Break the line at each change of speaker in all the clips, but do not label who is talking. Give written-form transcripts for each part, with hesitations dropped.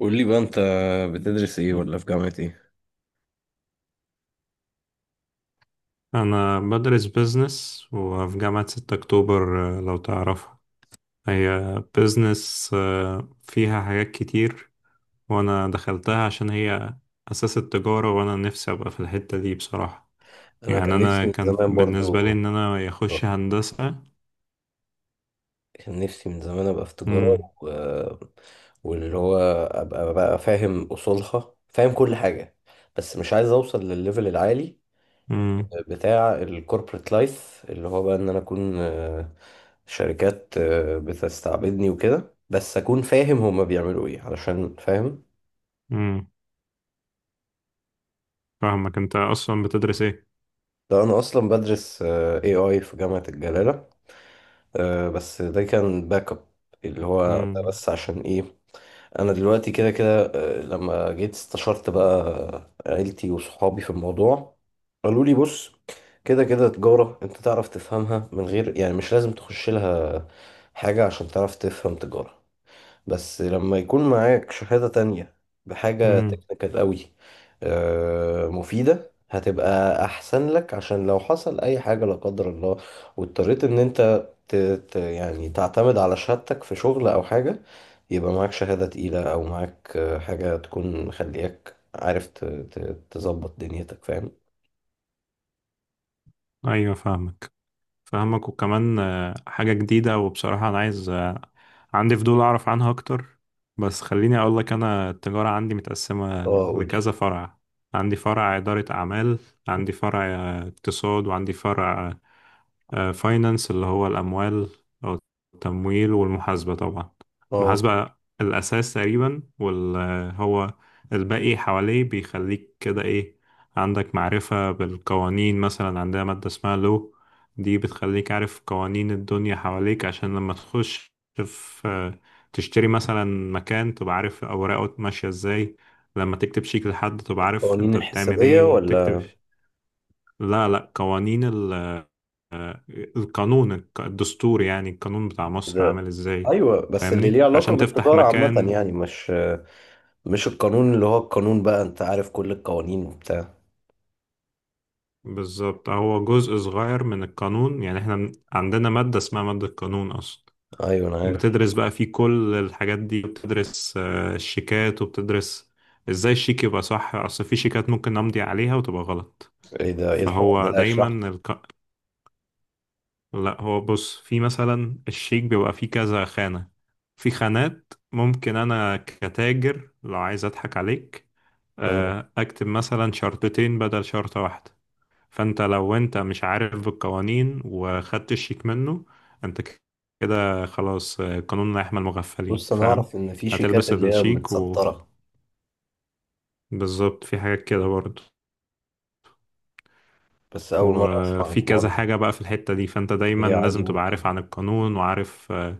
قول لي بقى، انت بتدرس ايه ولا في جامعة ايه؟
أنا بدرس بيزنس وفي جامعة 6 أكتوبر، لو تعرفها. هي بيزنس فيها حاجات كتير، وأنا دخلتها عشان هي أساس التجارة، وأنا نفسي أبقى في الحتة دي بصراحة.
انا
يعني
كان نفسي
أنا
من
كان
زمان
بالنسبة
برضو
لي إن أنا أخش
تجارة.
هندسة.
كان نفسي من زمان ابقى في تجارة
مم.
و... واللي هو ابقى بقى فاهم اصولها، فاهم كل حاجة، بس مش عايز اوصل للليفل العالي
مم.
بتاع الكوربريت لايف، اللي هو بقى ان انا اكون شركات بتستعبدني وكده، بس اكون فاهم هما بيعملوا ايه، علشان فاهم.
مم. فاهمك أنت أصلا بتدرس إيه؟
ده انا اصلا بدرس AI في جامعة الجلالة، بس ده كان باك اب، اللي هو ده
مم.
بس عشان ايه. انا دلوقتي كده كده، لما جيت استشرت بقى عيلتي وصحابي في الموضوع، قالوا لي بص، كده كده تجارة انت تعرف تفهمها، من غير يعني، مش لازم تخش لها حاجة عشان تعرف تفهم تجارة، بس لما يكون معاك شهادة تانية بحاجة
مم.
تكنيكال قوي مفيدة، هتبقى أحسن لك عشان لو حصل أي حاجة لا قدر الله واضطريت إن أنت يعني تعتمد على شهادتك في شغل أو حاجة، يبقى معاك شهادة تقيلة، أو معاك حاجة تكون مخلياك عارف تظبط دنيتك، فاهم؟
أيوة فاهمك. فاهمك، وكمان حاجة جديدة، وبصراحة أنا عايز، عندي فضول أعرف عنها أكتر. بس خليني أقول لك، أنا التجارة عندي متقسمة
اه، قولي.
لكذا فرع. عندي فرع إدارة أعمال، عندي فرع اقتصاد، وعندي فرع فاينانس اللي هو الأموال أو التمويل، والمحاسبة طبعا.
اه،
المحاسبة الأساس تقريبا، وهو الباقي حواليه بيخليك كده، إيه؟ عندك معرفة بالقوانين. مثلا عندنا مادة اسمها لو، دي بتخليك عارف قوانين الدنيا حواليك، عشان لما تخش في... تشتري مثلا مكان، تبقى عارف أوراقه ماشية إزاي. لما تكتب شيك لحد تبقى عارف
القوانين
أنت بتعمل
الحسابية
إيه وبتكتب.
ولا
لا، لا، قوانين. القانون الدستور، يعني القانون بتاع مصر
كده؟
عامل ازاي.
أيوه، بس اللي ليه
فاهمني،
علاقة
عشان تفتح
بالتجارة عامة،
مكان.
يعني مش القانون، اللي هو القانون بقى انت عارف كل القوانين وبتاع.
بالظبط، هو جزء صغير من القانون. يعني احنا عندنا مادة اسمها مادة القانون اصلا.
ايوه انا عارف.
بتدرس بقى فيه كل الحاجات دي، بتدرس الشيكات، وبتدرس ازاي الشيك يبقى صح. اصل في شيكات ممكن امضي عليها وتبقى غلط.
ايه ده، ايه الحوار ده؟
فهو
لا، اشرح لي.
دايما... لا، هو بص، في مثلا الشيك بيبقى فيه كذا خانة. في خانات ممكن أنا كتاجر لو عايز أضحك عليك،
اه،
أكتب مثلا شرطتين بدل شرطة واحدة. فأنت لو أنت مش عارف بالقوانين، وخدت الشيك منه، أنت كده خلاص، قانون لا يحمي المغفلين،
بص، انا
فاهم؟
اعرف ان في شيكات
هتلبس
اللي هي
الشيك
متستره،
بالظبط. في حاجات كده برضه،
بس اول مره اسمع عن
وفي
الحوار
كذا
ده.
حاجة بقى في الحتة دي، فأنت دايما
هي عادي،
لازم تبقى عارف
ممكن.
عن القانون، وعارف آه،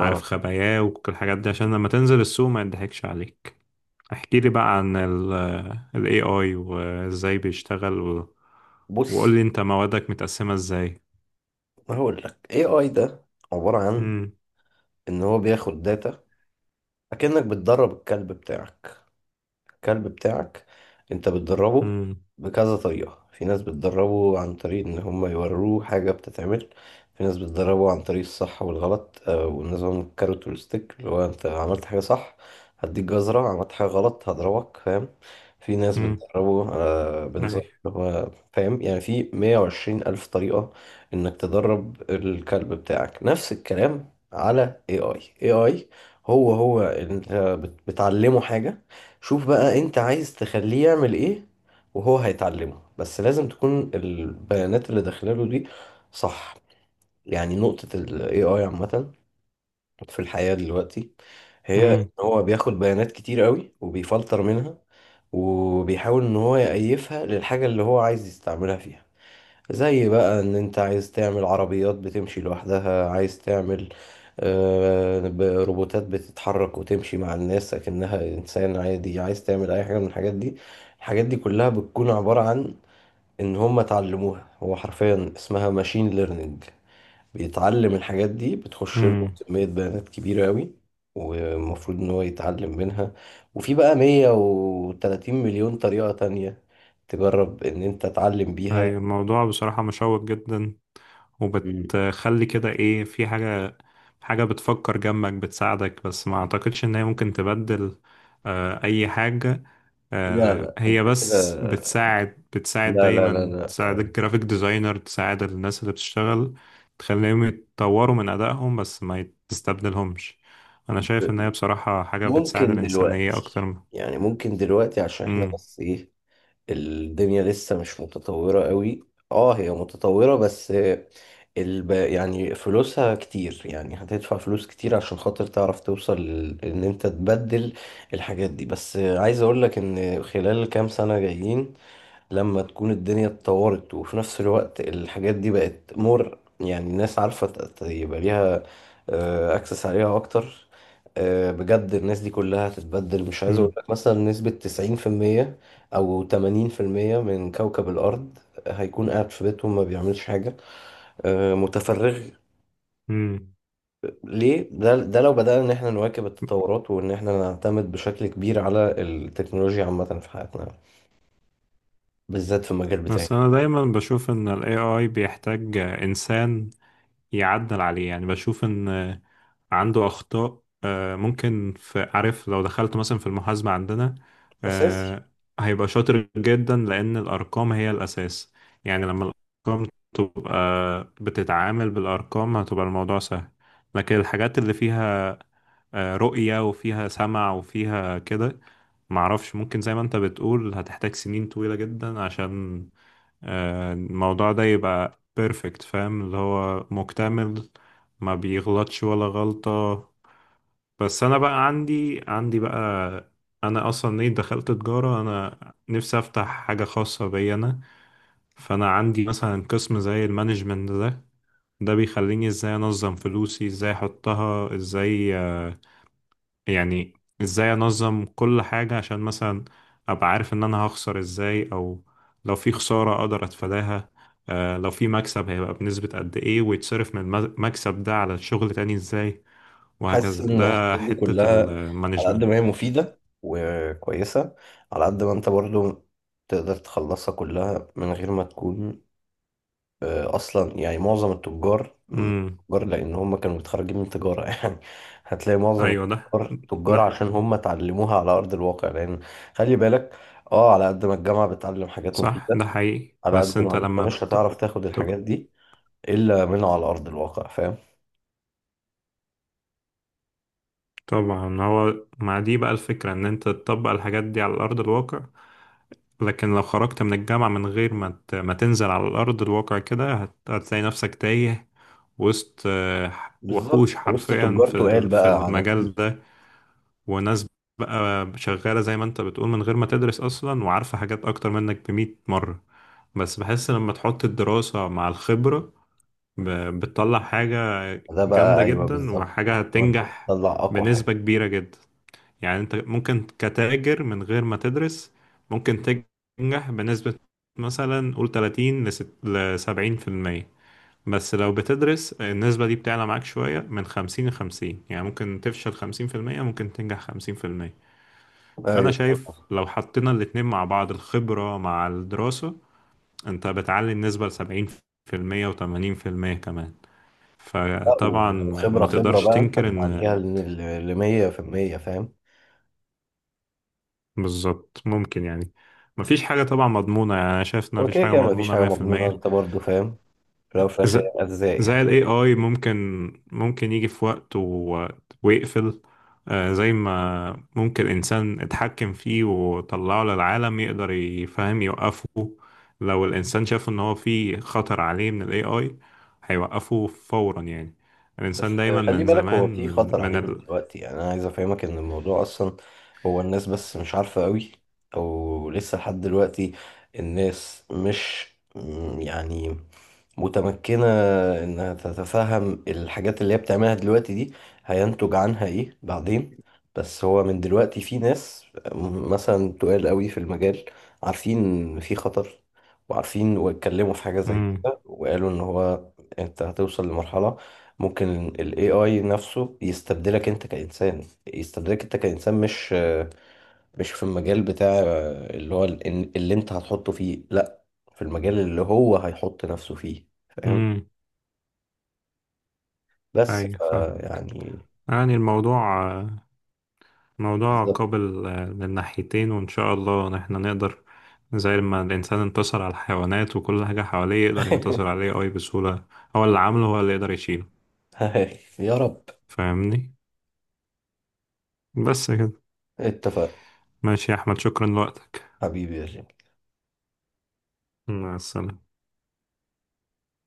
عارف خباياه، وكل الحاجات دي، عشان لما تنزل السوق ما يضحكش عليك. احكي لي بقى عن ال AI وازاي بيشتغل، وقول
بص،
لي انت موادك متقسمة ازاي.
هقول لك، اي اي ده عباره عن
امم.
ان هو بياخد داتا، اكنك بتدرب الكلب بتاعك. الكلب بتاعك انت بتدربه
امم.
بكذا طريقة، في ناس بتدربه عن طريق ان هم يوروه حاجة بتتعمل، في ناس بتدربه عن طريق الصح والغلط ونظام الكاروت والستيك، اللي هو انت عملت حاجة صح هديك جزرة، عملت حاجة غلط هضربك، فاهم؟ في ناس
امم.
بتدربه
اي.
بنظام اللي هو فاهم، يعني في 120 ألف طريقة انك تدرب الكلب بتاعك. نفس الكلام على AI. AI هو انت بتعلمه حاجة، شوف بقى انت عايز تخليه يعمل ايه وهو هيتعلمه، بس لازم تكون البيانات اللي داخلاله دي صح. يعني نقطة ال AI عامة في الحياة دلوقتي، هي ان
امم.
هو بياخد بيانات كتير قوي وبيفلتر منها، وبيحاول ان هو يأيفها للحاجة اللي هو عايز يستعملها فيها، زي بقى ان انت عايز تعمل عربيات بتمشي لوحدها، عايز تعمل روبوتات بتتحرك وتمشي مع الناس اكنها انسان عادي، عايز تعمل اي حاجة من الحاجات دي. الحاجات دي كلها بتكون عبارة عن ان هم اتعلموها، هو حرفيا اسمها ماشين ليرنينج، بيتعلم الحاجات دي، بتخش له
امم.
كمية بيانات كبيرة قوي والمفروض ان هو يتعلم منها، وفي بقى 130 مليون طريقة تانية تجرب ان انت تعلم بيها.
اي، الموضوع بصراحة مشوق جدا، وبتخلي كده، ايه؟ في حاجة، حاجة بتفكر جنبك بتساعدك، بس ما اعتقدش ان هي ممكن تبدل اي حاجة.
لا لا،
هي
انت كده،
بس بتساعد، بتساعد
لا لا لا
دايما.
لا.
تساعد الجرافيك ديزاينر، تساعد الناس اللي بتشتغل، تخليهم يتطوروا من أدائهم، بس ما تستبدلهمش. أنا شايف إن هي بصراحة حاجة بتساعد
ممكن
الإنسانية أكتر
دلوقتي،
من...
يعني ممكن دلوقتي عشان احنا
مم.
بس ايه، الدنيا لسه مش متطورة قوي. اه، هي متطورة، بس يعني فلوسها كتير، يعني هتدفع فلوس كتير عشان خاطر تعرف توصل ان انت تبدل الحاجات دي. بس عايز اقول لك ان خلال كام سنة جايين، لما تكون الدنيا اتطورت وفي نفس الوقت الحاجات دي بقت مور، يعني الناس عارفة يبقى ليها اكسس عليها اكتر، بجد، الناس دي كلها هتتبدل، مش عايز اقول
مم.
لك مثلا نسبة 90% او 80% من كوكب الارض هيكون قاعد في بيتهم ما بيعملش حاجة، متفرغ.
مم.
ليه؟ ده لو بدأنا ان احنا نواكب التطورات، وان احنا نعتمد بشكل كبير على التكنولوجيا عامة في حياتنا، بالذات في المجال بتاعي.
بس أنا دايما بشوف إن ال AI بيحتاج إنسان يعدل عليه. يعني بشوف ان عنده اخطاء، ممكن، في... عارف، لو دخلت مثلا في المحاسبة عندنا،
أساسي.
آه، هيبقى شاطر جدا، لان الارقام هي الاساس. يعني لما الارقام تبقى... بتتعامل بالارقام هتبقى الموضوع سهل. لكن الحاجات اللي فيها رؤية وفيها سمع وفيها كده، معرفش، ممكن زي ما انت بتقول هتحتاج سنين طويلة جدا عشان الموضوع ده يبقى بيرفكت، فاهم؟ اللي هو مكتمل، ما بيغلطش ولا غلطة. بس انا بقى عندي بقى. انا اصلا، ايه، دخلت تجارة. انا نفسي افتح حاجة خاصة بي انا. فانا عندي مثلا قسم زي المانجمنت ده بيخليني ازاي انظم فلوسي، ازاي احطها، ازاي يعني، ازاي انظم كل حاجة، عشان مثلا ابقى عارف ان انا هخسر ازاي، او لو في خسارة اقدر اتفاداها. لو في مكسب هيبقى بنسبة قد ايه، ويتصرف من المكسب ده على الشغل تاني ازاي.
حاسس
وهكذا،
ان
ده
الحاجات دي
حتة
كلها، على قد
المانجمنت.
ما هي مفيدة وكويسة، على قد ما انت برضو تقدر تخلصها كلها من غير ما تكون اصلا، يعني معظم التجار
امم.
تجار لان هم كانوا متخرجين من تجارة يعني، هتلاقي معظم
ايوه. ده
التجار تجار
ده
عشان هم اتعلموها على ارض الواقع، لان خلي بالك، اه، على قد ما الجامعة بتعلم حاجات
صح،
مفيدة،
ده حقيقي،
على
بس
قد
انت
ما انت
لما
مش هتعرف تاخد
طب...
الحاجات دي الا من على ارض الواقع، فاهم؟
طبعا. هو مع دي بقى الفكرة، ان انت تطبق الحاجات دي على ارض الواقع. لكن لو خرجت من الجامعة من غير ما تنزل على الأرض الواقع، كده هتلاقي نفسك تايه وسط، وحوش
بالظبط، وسط
حرفيا،
تجار
في
تقال
في
بقى،
المجال
عناتيل.
ده. وناس بقى شغالة زي ما انت بتقول من غير ما تدرس أصلا، وعارفة حاجات أكتر منك بمئة مرة. بس بحس لما تحط الدراسة مع الخبرة، بتطلع حاجة
ده بقى
جامدة
ايوه
جدا،
بالظبط،
وحاجة
لو انت
هتنجح
بتطلع اقوى
بنسبة
حاجه.
كبيرة جدا. يعني انت ممكن كتاجر من غير ما تدرس، ممكن تنجح بنسبة مثلا قول 30 ل 70%. بس لو بتدرس النسبة دي بتعلى معاك شوية، من 50 ل 50، يعني ممكن تفشل 50%، ممكن تنجح 50%. فأنا
ايوه.
شايف لو حطينا الاتنين مع بعض، الخبرة مع الدراسة، انت بتعلي النسبة ل 70% و80% كمان.
لا،
فطبعا،
ولو خبره
ما
خبره
تقدرش
بقى انت
تنكر ان...
بتعديها ل 100%، فاهم؟
بالظبط، ممكن يعني، مفيش حاجة طبعا مضمونة. يعني أنا شايف إن
هو
مفيش
كده
حاجة
كده مفيش
مضمونة
حاجه مضمونه،
100%.
انت برضو فاهم، في الاول وفي الاخر
ز-
هي ارزاق
زي
يعني.
ال AI، ممكن يجي في وقت ويقفل. زي ما ممكن إنسان اتحكم فيه وطلعه للعالم يقدر يفهم يوقفه. لو الإنسان شاف إن هو في خطر عليه من ال AI هيوقفه فورا. يعني الإنسان
بس
دايما
خلي
من
بالك،
زمان.
هو في خطر عليه من دلوقتي، يعني انا عايز افهمك ان الموضوع اصلا، هو الناس بس مش عارفه قوي، او لسه لحد دلوقتي الناس مش يعني متمكنة إنها تتفهم الحاجات اللي هي بتعملها دلوقتي دي، هينتج عنها إيه بعدين. بس هو من دلوقتي في ناس مثلا تقال قوي في المجال، عارفين إن في خطر، وعارفين واتكلموا في حاجة زي
مم.
كده وقالوا إن هو أنت هتوصل لمرحلة ممكن ال AI نفسه يستبدلك أنت كإنسان، يستبدلك أنت كإنسان، مش في المجال بتاع اللي هو ال- إن- اللي انت هتحطه فيه، لا، في المجال اللي هو هيحط نفسه فيه، فاهم؟
مم.
بس
أيوة فاهم.
يعني،
يعني الموضوع، موضوع
بالظبط.
قابل من ناحيتين، وإن شاء الله إن إحنا نقدر، زي ما الإنسان انتصر على الحيوانات وكل حاجة حواليه، يقدر ينتصر عليه أي بسهولة. هو اللي عامله، هو اللي يقدر يشيله.
يا رب.
فاهمني؟ بس كده.
اتفق.
ماشي يا أحمد، شكرا لوقتك.
حبيبي يا جيم.
مع السلامة.